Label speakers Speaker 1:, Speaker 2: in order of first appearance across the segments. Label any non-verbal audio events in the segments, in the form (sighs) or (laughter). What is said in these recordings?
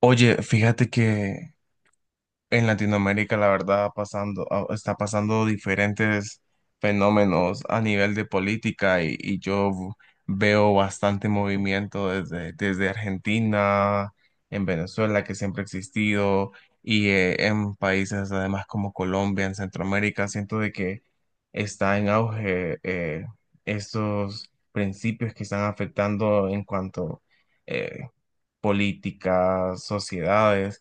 Speaker 1: Oye, fíjate que en Latinoamérica la verdad pasando, está pasando diferentes fenómenos a nivel de política y yo veo bastante movimiento desde Argentina, en Venezuela, que siempre ha existido, y en países además como Colombia, en Centroamérica, siento de que está en auge estos principios que están afectando en cuanto eh, políticas, sociedades.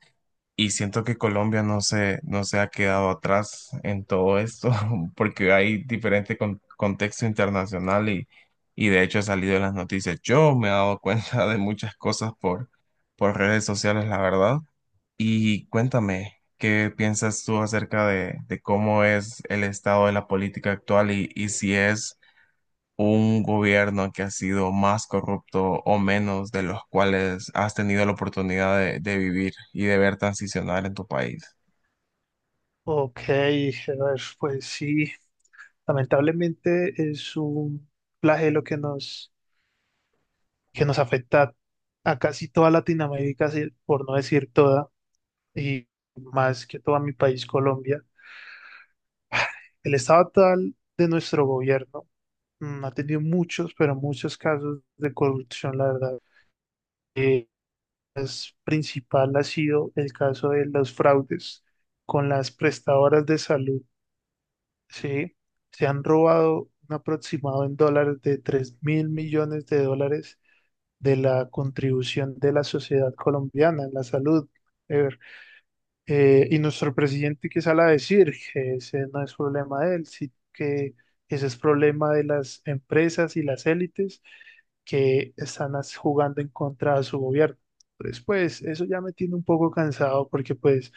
Speaker 1: Y siento que Colombia no se ha quedado atrás en todo esto, (laughs) porque hay diferente contexto internacional y de hecho ha salido en las noticias. Yo me he dado (laughs) cuenta de muchas cosas por redes sociales, la verdad. Y cuéntame, ¿qué piensas tú acerca de cómo es el estado de la política actual y si es un gobierno que ha sido más corrupto o menos de los cuales has tenido la oportunidad de vivir y de ver transicionar en tu país?
Speaker 2: Ok, Gerard, pues sí, lamentablemente es un flagelo que nos afecta a casi toda Latinoamérica, por no decir toda, y más que todo a mi país, Colombia. El estado actual de nuestro gobierno ha tenido muchos, pero muchos casos de corrupción, la verdad. Eh, es principal ha sido el caso de los fraudes con las prestadoras de salud. Sí, se han robado un aproximado en dólares de $3.000.000.000 de la contribución de la sociedad colombiana en la salud. Y nuestro presidente que sale a decir que ese no es problema de él, sino que ese es problema de las empresas y las élites que están jugando en contra de su gobierno. Entonces, pues eso ya me tiene un poco cansado porque pues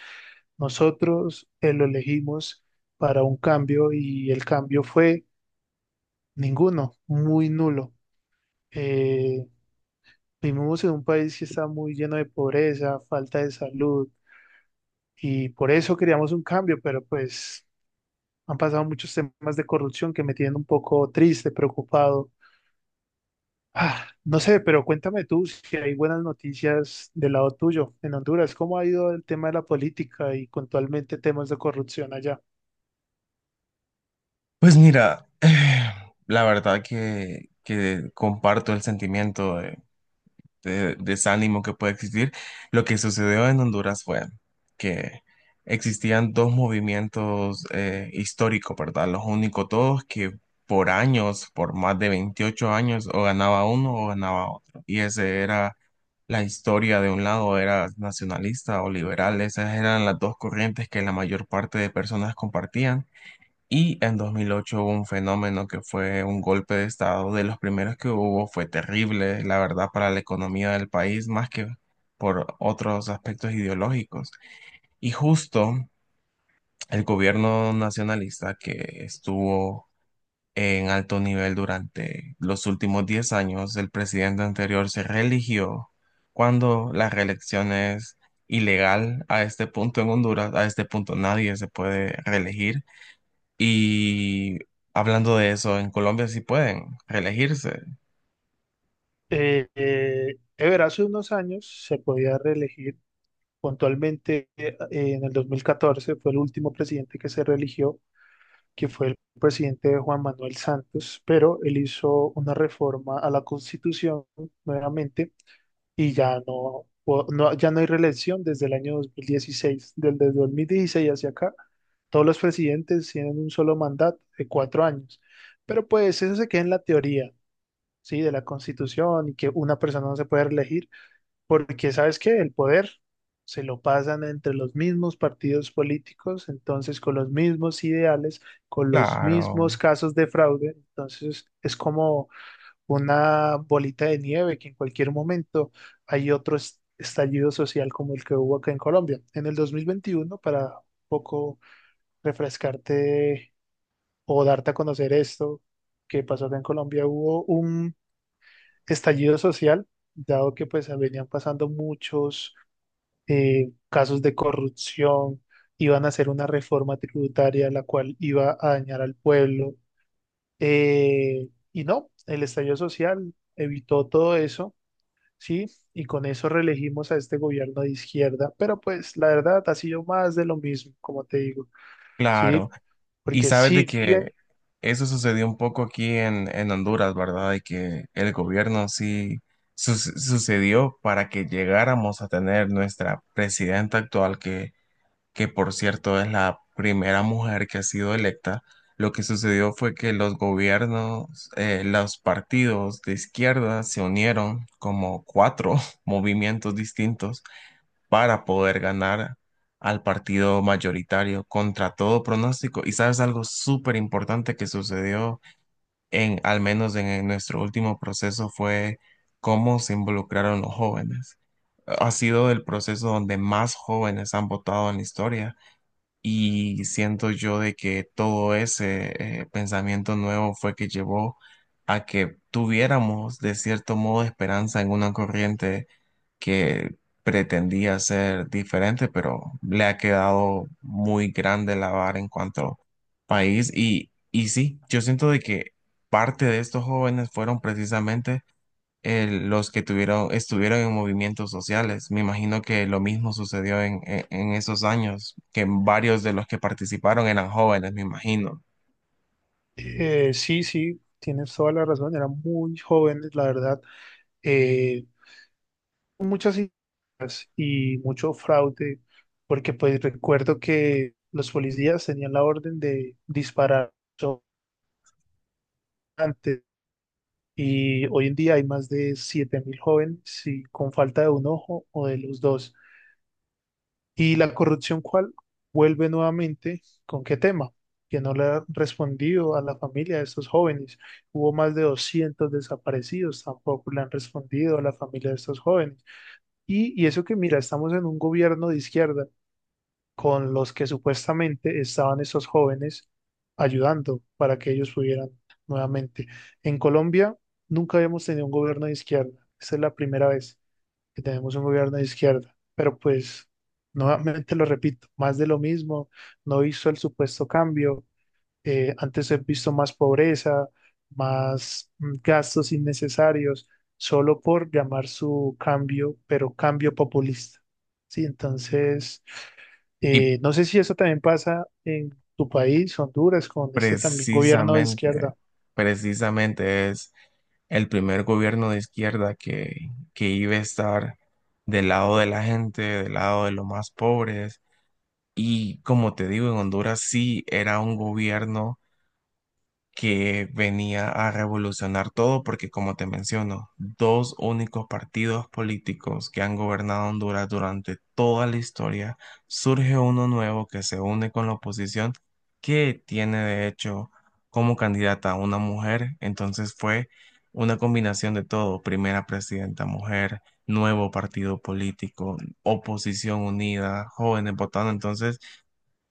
Speaker 2: nosotros lo elegimos para un cambio y el cambio fue ninguno, muy nulo. Eh, vivimos en un país que está muy lleno de pobreza, falta de salud y por eso queríamos un cambio, pero pues han pasado muchos temas de corrupción que me tienen un poco triste, preocupado. Ah, no sé, pero cuéntame tú si hay buenas noticias del lado tuyo en Honduras. ¿Cómo ha ido el tema de la política y puntualmente temas de corrupción allá?
Speaker 1: Pues mira, (sighs) la verdad que comparto el sentimiento de desánimo que puede existir. Lo que sucedió en Honduras fue que existían dos movimientos históricos, ¿verdad? Los únicos dos que por años, por más de 28 años, o ganaba uno o ganaba otro. Y ese era la historia de un lado, era nacionalista o liberal. Esas eran las dos corrientes que la mayor parte de personas compartían. Y en 2008 hubo un fenómeno que fue un golpe de estado, de los primeros que hubo, fue terrible, la verdad, para la economía del país, más que por otros aspectos ideológicos. Y justo el gobierno nacionalista que estuvo en alto nivel durante los últimos 10 años, el presidente anterior se reeligió cuando la reelección es ilegal a este punto en Honduras, a este punto nadie se puede reelegir. Y hablando de eso, en Colombia sí pueden reelegirse.
Speaker 2: Ever, hace unos años se podía reelegir. Puntualmente en el 2014 fue el último presidente que se reeligió, que fue el presidente Juan Manuel Santos, pero él hizo una reforma a la Constitución nuevamente y ya no hay reelección desde el año 2016, desde el 2016 hacia acá. Todos los presidentes tienen un solo mandato de 4 años. Pero pues eso se queda en la teoría, ¿sí? De la Constitución, y que una persona no se puede reelegir, porque ¿sabes qué? El poder se lo pasan entre los mismos partidos políticos, entonces con los mismos ideales, con los mismos
Speaker 1: Claro,
Speaker 2: casos de fraude. Entonces es como una bolita de nieve que en cualquier momento hay otro estallido social como el que hubo acá en Colombia. En el 2021, para un poco refrescarte o darte a conocer esto que pasó acá en Colombia, hubo un estallido social, dado que pues venían pasando muchos casos de corrupción, iban a hacer una reforma tributaria la cual iba a dañar al pueblo. Y no, el estallido social evitó todo eso, ¿sí? Y con eso reelegimos a este gobierno de izquierda, pero pues la verdad ha sido más de lo mismo, como te digo,
Speaker 1: claro.
Speaker 2: ¿sí?
Speaker 1: Y
Speaker 2: Porque
Speaker 1: sabes de
Speaker 2: siguen,
Speaker 1: que eso sucedió un poco aquí en Honduras, ¿verdad? De que el gobierno sí sucedió para que llegáramos a tener nuestra presidenta actual que por cierto es la primera mujer que ha sido electa, lo que sucedió fue que los gobiernos, los partidos de izquierda se unieron como cuatro (laughs) movimientos distintos para poder ganar al partido mayoritario contra todo pronóstico. Y sabes algo súper importante que sucedió en, al menos en nuestro último proceso, fue cómo se involucraron los jóvenes. Ha sido el proceso donde más jóvenes han votado en la historia y siento yo de que todo ese pensamiento nuevo fue que llevó a que tuviéramos de cierto modo esperanza en una corriente que pretendía ser diferente, pero le ha quedado muy grande la vara en cuanto país. Y sí, yo siento de que parte de estos jóvenes fueron precisamente los que tuvieron, estuvieron en movimientos sociales. Me imagino que lo mismo sucedió en, en esos años, que varios de los que participaron eran jóvenes, me imagino.
Speaker 2: sí, sí, tienes toda la razón, eran muy jóvenes, la verdad, eh, muchas y mucho fraude, porque pues recuerdo que los policías tenían la orden de disparar antes. Y hoy en día hay más de 7.000 jóvenes, sí, con falta de un ojo o de los dos. ¿Y la corrupción cuál? Vuelve nuevamente con qué tema, que no le ha respondido a la familia de estos jóvenes. Hubo más de 200 desaparecidos, tampoco le han respondido a la familia de estos jóvenes. Y eso que mira, estamos en un gobierno de izquierda con los que supuestamente estaban estos jóvenes ayudando para que ellos pudieran nuevamente. En Colombia nunca habíamos tenido un gobierno de izquierda, esa es la primera vez que tenemos un gobierno de izquierda. Pero pues, nuevamente lo repito, más de lo mismo, no hizo el supuesto cambio. Antes he visto más pobreza, más gastos innecesarios, solo por llamar su cambio, pero cambio populista. Sí, entonces,
Speaker 1: Y
Speaker 2: no sé si eso también pasa en tu país, Honduras, con este también gobierno de
Speaker 1: precisamente,
Speaker 2: izquierda.
Speaker 1: precisamente es el primer gobierno de izquierda que iba a estar del lado de la gente, del lado de los más pobres. Y como te digo, en Honduras sí era un gobierno que venía a revolucionar todo, porque como te menciono, dos únicos partidos políticos que han gobernado Honduras durante toda la historia, surge uno nuevo que se une con la oposición, que tiene de hecho como candidata a una mujer, entonces fue una combinación de todo, primera presidenta mujer, nuevo partido político, oposición unida, jóvenes votando, entonces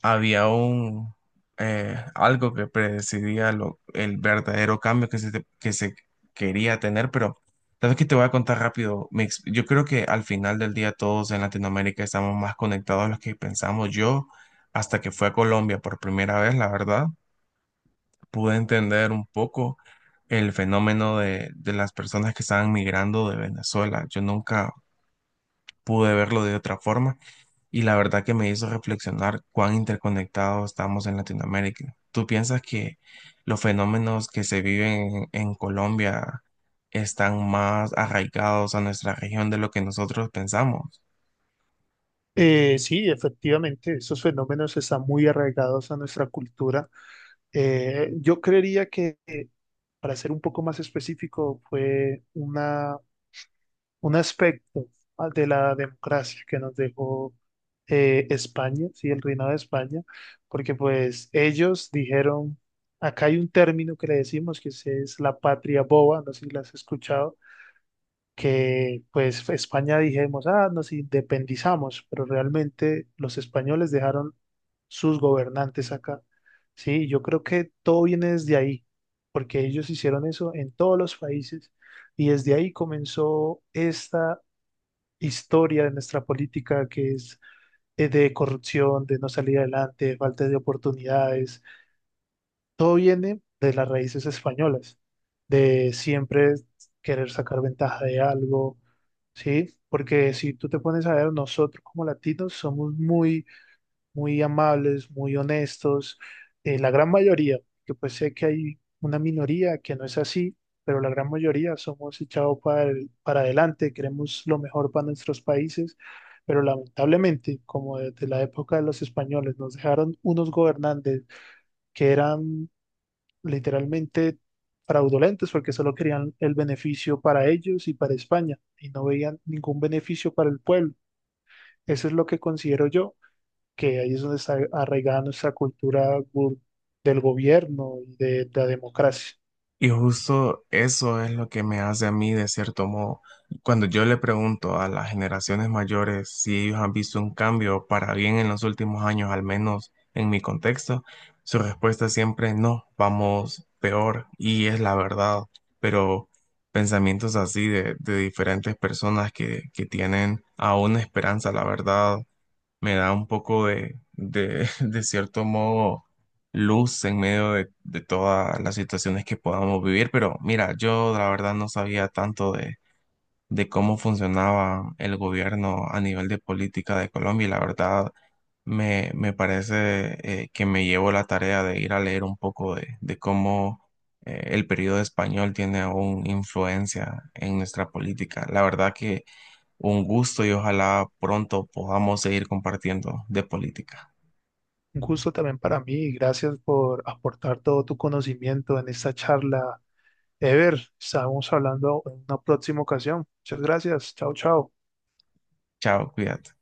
Speaker 1: había un algo que predecidía lo, el verdadero cambio que se, que se quería tener, pero sabes que te voy a contar rápido. Yo creo que al final del día todos en Latinoamérica estamos más conectados a los que pensamos. Yo, hasta que fui a Colombia por primera vez, la verdad, pude entender un poco el fenómeno de las personas que estaban migrando de Venezuela. Yo nunca pude verlo de otra forma y la verdad que me hizo reflexionar cuán interconectados estamos en Latinoamérica. ¿Tú piensas que los fenómenos que se viven en Colombia están más arraigados a nuestra región de lo que nosotros pensamos?
Speaker 2: Sí, efectivamente, esos fenómenos están muy arraigados a nuestra cultura. Yo creería que, para ser un poco más específico, fue un aspecto, ah, de la democracia que nos dejó, España, sí, el reinado de España, porque pues ellos dijeron, acá hay un término que le decimos que es la patria boba, no sé si la has escuchado, que pues España, dijimos, ah, nos independizamos, pero realmente los españoles dejaron sus gobernantes acá. Sí, yo creo que todo viene desde ahí, porque ellos hicieron eso en todos los países y desde ahí comenzó esta historia de nuestra política que es, de corrupción, de no salir adelante, de falta de oportunidades. Todo viene de las raíces españolas, de siempre querer sacar ventaja de algo, ¿sí? Porque si tú te pones a ver, nosotros como latinos somos muy muy amables, muy honestos, la gran mayoría, que pues sé que hay una minoría que no es así, pero la gran mayoría somos echados para, para adelante, queremos lo mejor para nuestros países, pero lamentablemente, como desde la época de los españoles, nos dejaron unos gobernantes que eran literalmente fraudulentos porque solo querían el beneficio para ellos y para España y no veían ningún beneficio para el pueblo. Eso es lo que considero yo, que ahí es donde está arraigada nuestra cultura del gobierno y de la democracia.
Speaker 1: Y justo eso es lo que me hace a mí, de cierto modo, cuando yo le pregunto a las generaciones mayores si ellos han visto un cambio para bien en los últimos años, al menos en mi contexto, su respuesta siempre es no, vamos peor, y es la verdad, pero pensamientos así de diferentes personas que tienen aún esperanza, la verdad, me da un poco (laughs) de cierto modo, luz en medio de todas las situaciones que podamos vivir. Pero mira, yo la verdad no sabía tanto de cómo funcionaba el gobierno a nivel de política de Colombia y la verdad me parece que me llevo la tarea de ir a leer un poco de cómo el periodo español tiene aún influencia en nuestra política. La verdad que un gusto y ojalá pronto podamos seguir compartiendo de política.
Speaker 2: Un gusto también para mí y gracias por aportar todo tu conocimiento en esta charla. Ever, estamos hablando en una próxima ocasión. Muchas gracias. Chao, chao.
Speaker 1: Chao, cuídate.